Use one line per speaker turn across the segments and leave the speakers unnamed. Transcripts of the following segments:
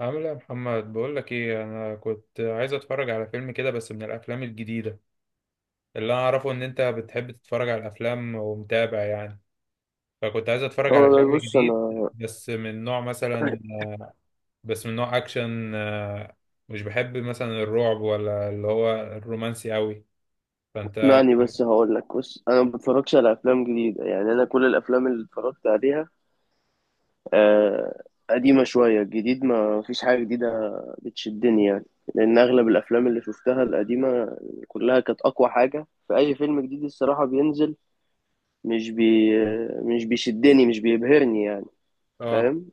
عامل ايه يا محمد؟ بقول لك ايه، انا كنت عايز اتفرج على فيلم كده، بس من الافلام الجديده. اللي انا اعرفه ان انت بتحب تتفرج على الافلام ومتابع يعني. فكنت عايز اتفرج على
والله
فيلم
بص
جديد،
انا
بس من نوع مثلا بس من نوع اكشن، مش بحب مثلا الرعب، ولا اللي هو الرومانسي قوي. فانت
اسمعني بس هقول لك. بص انا ما بتفرجش على افلام جديده، يعني انا كل الافلام اللي اتفرجت عليها آه قديمه شويه، جديد ما فيش حاجه جديده بتشدني، يعني لان اغلب الافلام اللي شفتها القديمه كلها كانت اقوى حاجه، فاي فيلم جديد الصراحه بينزل مش بي مش بيشدني مش بيبهرني، يعني
اه
فاهم.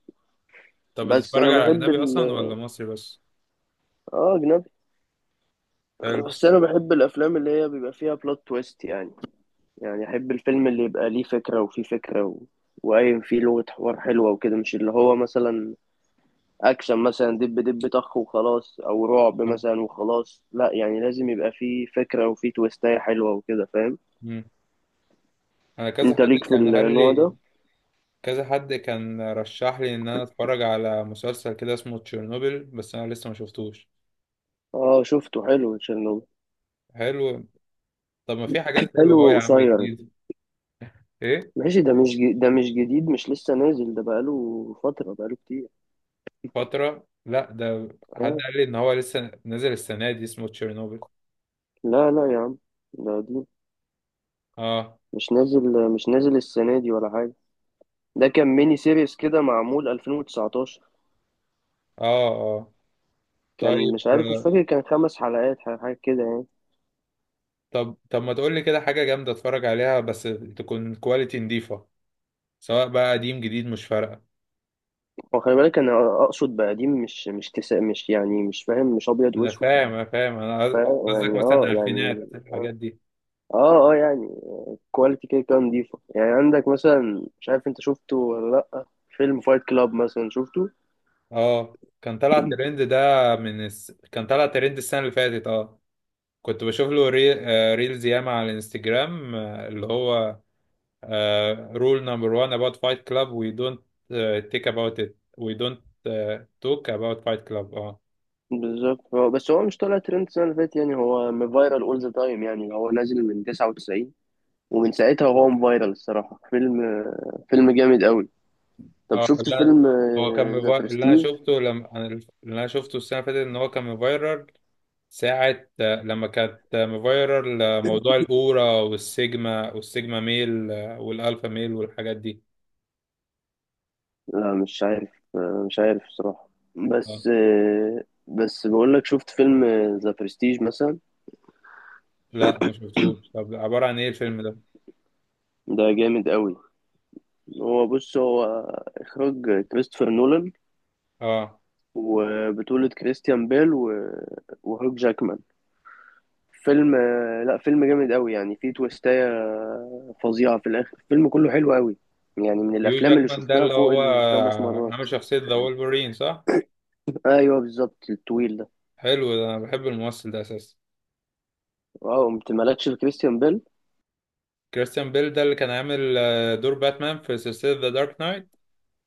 طب
بس
بتتفرج
انا
على
بحب
اجنبي
ال...
اصلا، ولا مصري بس؟
اه اجنبي.
حلو.
بس انا بحب الافلام اللي هي بيبقى فيها بلوت تويست، يعني يعني احب الفيلم اللي يبقى ليه فكرة وفيه فكرة وقايم فيه لغة حوار حلوة وكده، مش اللي هو مثلا اكشن مثلا دب دب طخ وخلاص، او رعب
آه.
مثلا وخلاص، لا يعني لازم يبقى فيه فكرة وفيه تويستاية حلوة وكده فاهم.
مم. انا كذا
انت
حد
ليك في
كان قال
النوع ده؟
لي كذا حد كان رشح لي ان انا اتفرج على مسلسل كده اسمه تشيرنوبل، بس انا لسه ما شفتوش.
اه شفته، حلو تشيرنوبل،
حلو. طب ما في حاجات حلوه
حلو
اهو يا عم،
وقصير.
جديد؟ ايه؟
ماشي، ده مش جديد، مش لسه نازل، ده بقاله فترة بقاله كتير.
فتره؟ لا، ده حد
اه،
قال لي ان هو لسه نازل السنه دي، اسمه تشيرنوبل.
لا لا يا عم، ده دي
اه،
مش نازل مش نازل السنة دي ولا حاجة. ده كان ميني سيريس كده معمول 2019،
اه، اه.
كان
طيب.
مش عارف مش فاكر كان 5 حلقات حاجة كده، يعني
طب ما تقول لي كده حاجه جامده اتفرج عليها، بس تكون كواليتي نضيفه، سواء بقى قديم جديد، مش فارقه.
هو خلي بالك أنا أقصد بقديم مش يعني مش فاهم مش أبيض
انا
وأسود.
فاهم انا فاهم انا
فا-
قصدك
يعني
مثلا
أه يعني
الفينات، الحاجات دي.
أه أه يعني كواليتي كده كان نضيفة. يعني عندك مثلا مش عارف أنت شفته ولا لأ، فيلم فايت كلاب مثلا شفته.
اه، كان طلع ترند ده. كان طلع ترند السنة اللي فاتت. اه. كنت بشوف له ري... آه، ريلز ياما على الانستجرام، اللي هو رول نمبر 1 about fight club, we don't، take about it, we don't، talk about fight club. اه
بالظبط، هو بس هو مش طالع ترند السنة اللي فاتت، يعني هو فايرال أول ذا تايم، يعني هو نازل من 99 ومن ساعتها وهو فايرال الصراحة. فيلم جامد أوي. طب
اه.
شفت
اللي أنا-
فيلم
هو كان
ذا
مفا...
برستيج؟
اللي انا شفته السنة اللي فاتت ان هو كان مفايرل ساعة، لما كانت مفايرل، موضوع الأورا والسيجما والسيجما ميل، والألفا ميل والحاجات دي.
لا مش عارف، مش عارف الصراحة.
اه.
بس بس بقول لك شفت فيلم ذا برستيج مثلا،
لا، ما شفتوش. طب عبارة عن ايه الفيلم ده؟
ده جامد قوي. هو اخراج كريستوفر نولان
اه،
وبطولة كريستيان بيل وهوك جاكمان. فيلم آه، لا فيلم جامد قوي، يعني فيه تويستاية فظيعة في الآخر، الفيلم كله حلو قوي، يعني من
هيو
الأفلام اللي
جاكمان ده
شفتها
اللي
فوق
هو
الخمس مرات.
عامل شخصية ذا وولفرين، صح؟
أيوه بالظبط الطويل ده.
حلو، ده انا بحب الممثل ده اساسا.
واو أنت مالكش في كريستيان بيل.
كريستيان بيل ده اللي كان عامل دور باتمان في سلسلة ذا دارك نايت.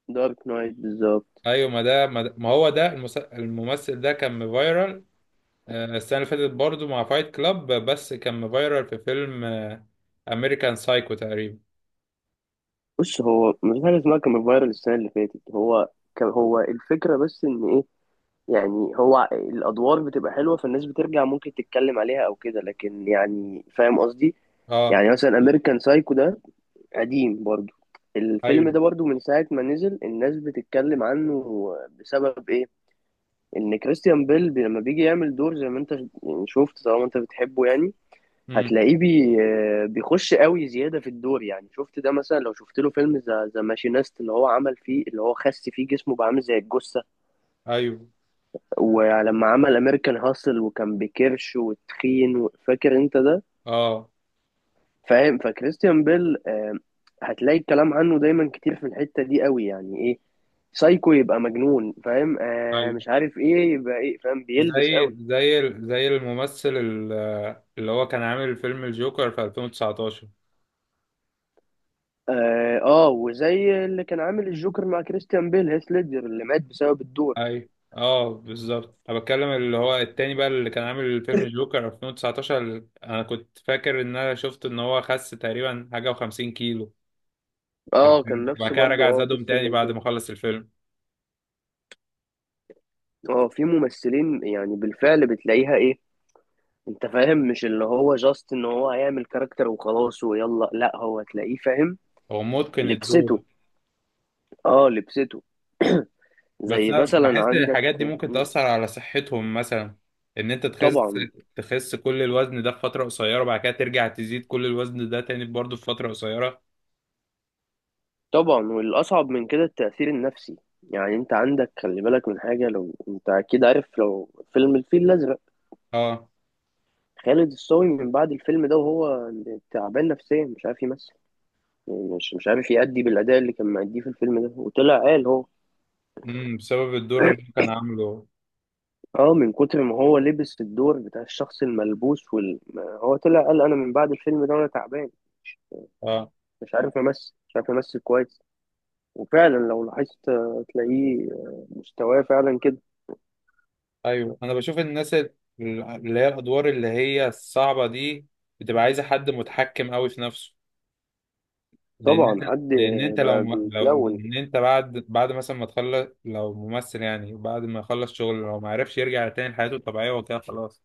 دارك نايت بالظبط.
ايوه، ما ده ما ده- ما هو ده المس- الممثل ده كان فايرال السنة اللي فاتت برضه مع فايت كلاب، بس كان فايرال في فيلم امريكان سايكو تقريبا.
بص هو مفيش حاجة اسمها كان فايرال السنة اللي فاتت، هو كان هو الفكرة، بس إن إيه، يعني هو الأدوار بتبقى حلوة فالناس بترجع ممكن تتكلم عليها أو كده، لكن يعني فاهم قصدي.
اه،
يعني مثلا أمريكان سايكو ده قديم برضو، الفيلم ده
ايوه،
برضو من ساعة ما نزل الناس بتتكلم عنه. بسبب إيه؟ إن كريستيان بيل لما بيجي يعمل دور، زي ما أنت يعني شفت، طالما أنت بتحبه، يعني
امم
هتلاقيه بيخش قوي زيادة في الدور. يعني شفت ده، مثلا لو شفت له فيلم ذا ماشينيست اللي هو عمل فيه، اللي هو خس فيه جسمه بقى عامل زي الجثة.
ايوه،
ولما عمل امريكان هاسل وكان بكرش وتخين فاكر انت ده؟
اه،
فاهم، فكريستيان بيل هتلاقي الكلام عنه دايما كتير في الحتة دي قوي، يعني ايه سايكو يبقى مجنون فاهم
ايوه،
مش عارف ايه يبقى ايه فاهم بيلبس
زي
قوي.
زي زي اللي هو كان عامل فيلم الجوكر في 2019.
اه، وزي اللي كان عامل الجوكر مع كريستيان بيل هيث ليدجر اللي مات بسبب الدور.
اي، اه، بالظبط. انا بتكلم اللي هو التاني بقى، اللي كان عامل فيلم جوكر 2019، اللي انا كنت فاكر ان انا شفت ان هو خس تقريبا حاجه و50 كيلو في
اه كان
الفيلم، وبعد
نفس
كده
برضو،
رجع
اه
زادهم
قصة
تاني
زي
بعد
كده.
ما خلص الفيلم.
اه في ممثلين يعني بالفعل بتلاقيها ايه، انت فاهم مش اللي هو جاست ان هو هيعمل كاركتر وخلاص ويلا، لا هو تلاقيه فاهم
هو متقن الدور.
لبسته، اه لبسته.
بس
زي
انا
مثلا
بحس ان
عندك.
الحاجات دي ممكن
م،
تأثر على صحتهم مثلا، ان انت تخس
طبعا.
تخس كل الوزن ده في فترة قصيرة، وبعد كده ترجع تزيد كل الوزن ده تاني برضه في فترة قصيرة.
طبعا والاصعب من كده التأثير النفسي، يعني انت عندك خلي بالك من حاجة، لو انت اكيد عارف لو فيلم الفيل الازرق،
اه،
خالد الصاوي من بعد الفيلم ده وهو تعبان نفسيا مش عارف يمثل، مش عارف يأدي بالأداء اللي كان مأديه في الفيلم ده، وطلع قال هو
بسبب الدور اللي هو كان عامله.
اه من كتر ما هو لبس الدور بتاع الشخص الملبوس وال... ما- هو طلع قال انا من بعد الفيلم ده وانا تعبان
اه،
مش عارف امثل مش عارف امثل كويس. وفعلا لو لاحظت تلاقيه مستواه فعلا كده.
ايوه. انا بشوف الناس اللي هي الادوار اللي هي الصعبة دي بتبقى عايزة حد متحكم قوي في نفسه. لان انت
طبعا حد
لان انت لو
بقى
لو
بيتلون.
ان انت بعد مثلا ما تخلص، لو ممثل يعني بعد ما يخلص شغل، لو ما عرفش يرجع تاني لحياته الطبيعية وكده خلاص،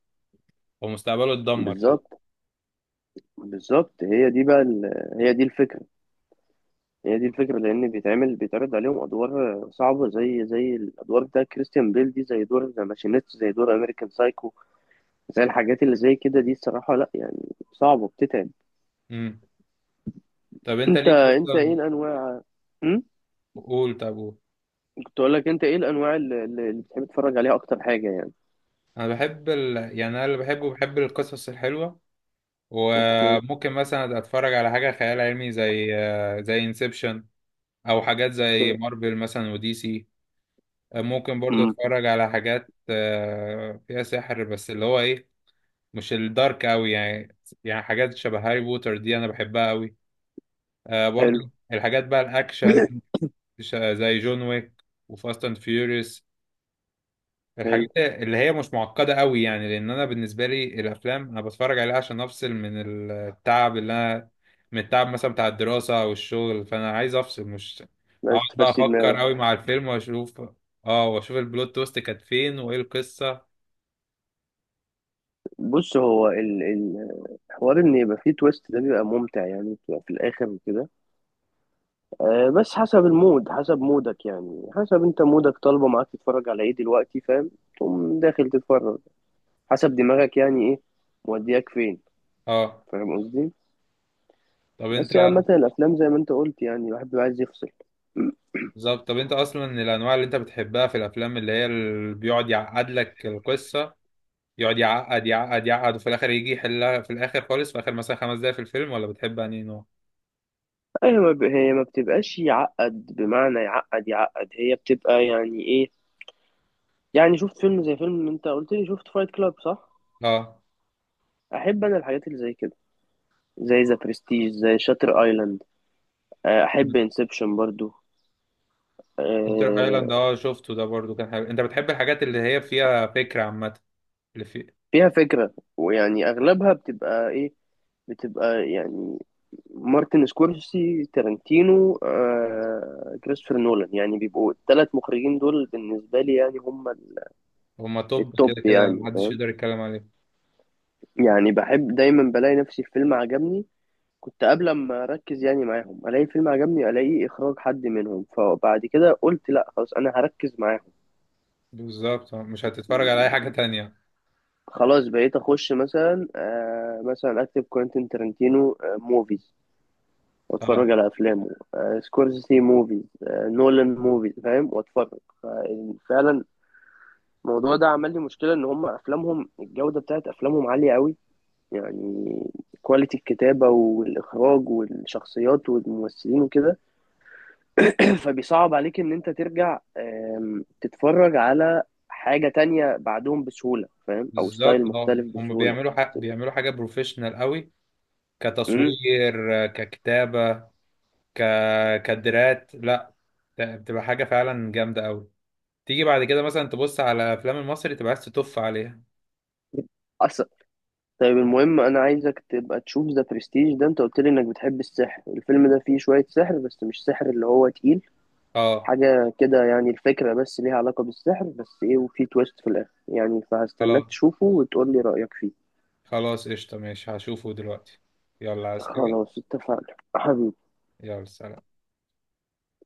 ومستقبله اتدمر كده.
بالظبط. بالظبط هي دي الفكرة، هي دي الفكرة، لأن بيتعمل بيتعرض عليهم أدوار صعبة، زي الأدوار بتاع كريستيان بيل دي، زي دور ذا ماشينيست، زي دور أمريكان سايكو، زي الحاجات اللي زي كده دي الصراحة، لا يعني صعبة بتتعب.
امم. طب انت
انت
ليك
انت
اصلا؟
ايه الانواع؟ امم
قول، طب قول.
كنت اقول لك انت ايه الانواع اللي بتحب تتفرج عليها اكتر حاجة يعني.
يعني انا اللي بحبه بحب القصص الحلوه،
اوكي.
وممكن مثلا اتفرج على حاجه خيال علمي، زي انسبشن، او حاجات زي مارفل مثلا ودي سي. ممكن برضو
امم
اتفرج على حاجات فيها سحر، بس اللي هو ايه، مش الدارك قوي يعني. يعني حاجات شبه هاري بوتر دي انا بحبها قوي، برضو.
حلو.
الحاجات بقى الاكشن، زي جون ويك وفاست اند فيوريوس.
حلو،
الحاجات اللي هي مش معقدة قوي يعني، لأن أنا بالنسبة لي الأفلام أنا بتفرج عليها عشان أفصل من التعب اللي أنا من التعب مثلا بتاع الدراسة أو الشغل، فأنا عايز أفصل، مش أقعد
عايز
بقى
تفسي
أفكر
دماغك.
قوي مع الفيلم وأشوف. أه، وأشوف البلوت تويست كانت فين وإيه القصة.
بص هو ال- ال- الحوار ان يبقى فيه تويست ده بيبقى ممتع، يعني بتبقى في الاخر وكده. بس حسب المود، حسب مودك، يعني حسب انت مودك طالبه معاك تتفرج على ايه دلوقتي، فاهم، تقوم داخل تتفرج حسب دماغك يعني ايه مودياك فين،
أه،
فاهم قصدي؟
طب أنت.
بس يعني عامة الأفلام زي ما أنت قلت يعني الواحد بيبقى عايز يفصل.
بالظبط، طب أنت أصلا من الأنواع اللي أنت بتحبها في الأفلام، اللي هي اللي بيقعد يعقد لك القصة، يقعد يعقد يعقد يعقد وفي الآخر يجي يحلها، في الآخر خالص، في آخر مثلا 5 دقايق في الفيلم، ولا بتحب أنهي نوع؟
هي ما بتبقاش يعقد بمعنى يعقد يعقد، هي بتبقى يعني إيه، يعني شفت فيلم زي فيلم أنت قلت لي شفت فايت كلاب صح؟
أه،
أحب أنا الحاجات اللي زي كده، زي ذا برستيج زي شاتر أيلاند. أحب انسبشن برضو.
شاتر ايلاند،
أه...
اه شفته ده برضو، كان حلو. انت بتحب الحاجات اللي هي فيها فكرة عامة. اللي في
فيها فكرة، ويعني أغلبها بتبقى إيه، بتبقى يعني مارتن سكورسي تارنتينو كريستوفر نولان، يعني بيبقوا الثلاث مخرجين دول بالنسبة لي، يعني هم
هما توب
التوب
كده كده،
يعني
محدش
فاهم.
يقدر يتكلم عليه.
يعني بحب دايما بلاقي نفسي في فيلم عجبني، كنت قبل ما اركز يعني معاهم الاقي فيلم عجبني الاقي اخراج حد منهم، فبعد كده قلت لا خلاص انا هركز معاهم.
بالظبط، مش هتتفرج على اي حاجة تانية.
خلاص بقيت اخش مثلا آه مثلا اكتب كوينتين ترنتينو موفيز
اه،
واتفرج على افلامه، سكورسيزي موفيز نولان موفيز فاهم، واتفرج فعلا الموضوع ده عمل لي مشكله، ان هم افلامهم الجوده بتاعت افلامهم عاليه قوي، يعني كواليتي الكتابة والإخراج والشخصيات والممثلين وكده فبيصعب عليك إن أنت ترجع تتفرج على حاجة تانية بعدهم بسهولة فاهم، أو
بالظبط،
ستايل
اه،
مختلف
هما
بسهولة.
بيعملوا حاجة بروفيشنال قوي،
امم
كتصوير، ككتابة، ك... كادرات. لا، بتبقى حاجة فعلا جامدة قوي. تيجي بعد كده مثلا تبص على افلام المصري، تبقى عايز تتف عليها.
أصلا. طيب المهم أنا عايزك تبقى تشوف ذا برستيج ده، أنت قلت لي إنك بتحب السحر، الفيلم ده فيه شوية سحر بس مش سحر اللي هو تقيل
اه،
حاجة كده، يعني الفكرة بس ليها علاقة بالسحر بس إيه، وفيه تويست في الآخر، يعني فهستناك
خلاص.
تشوفه وتقول لي رأيك فيه.
خلاص، قشطة ماشي، هشوفه دلوقتي. يلا، عايز حاجة؟
خلاص اتفقنا حبيبي.
يلا سلام.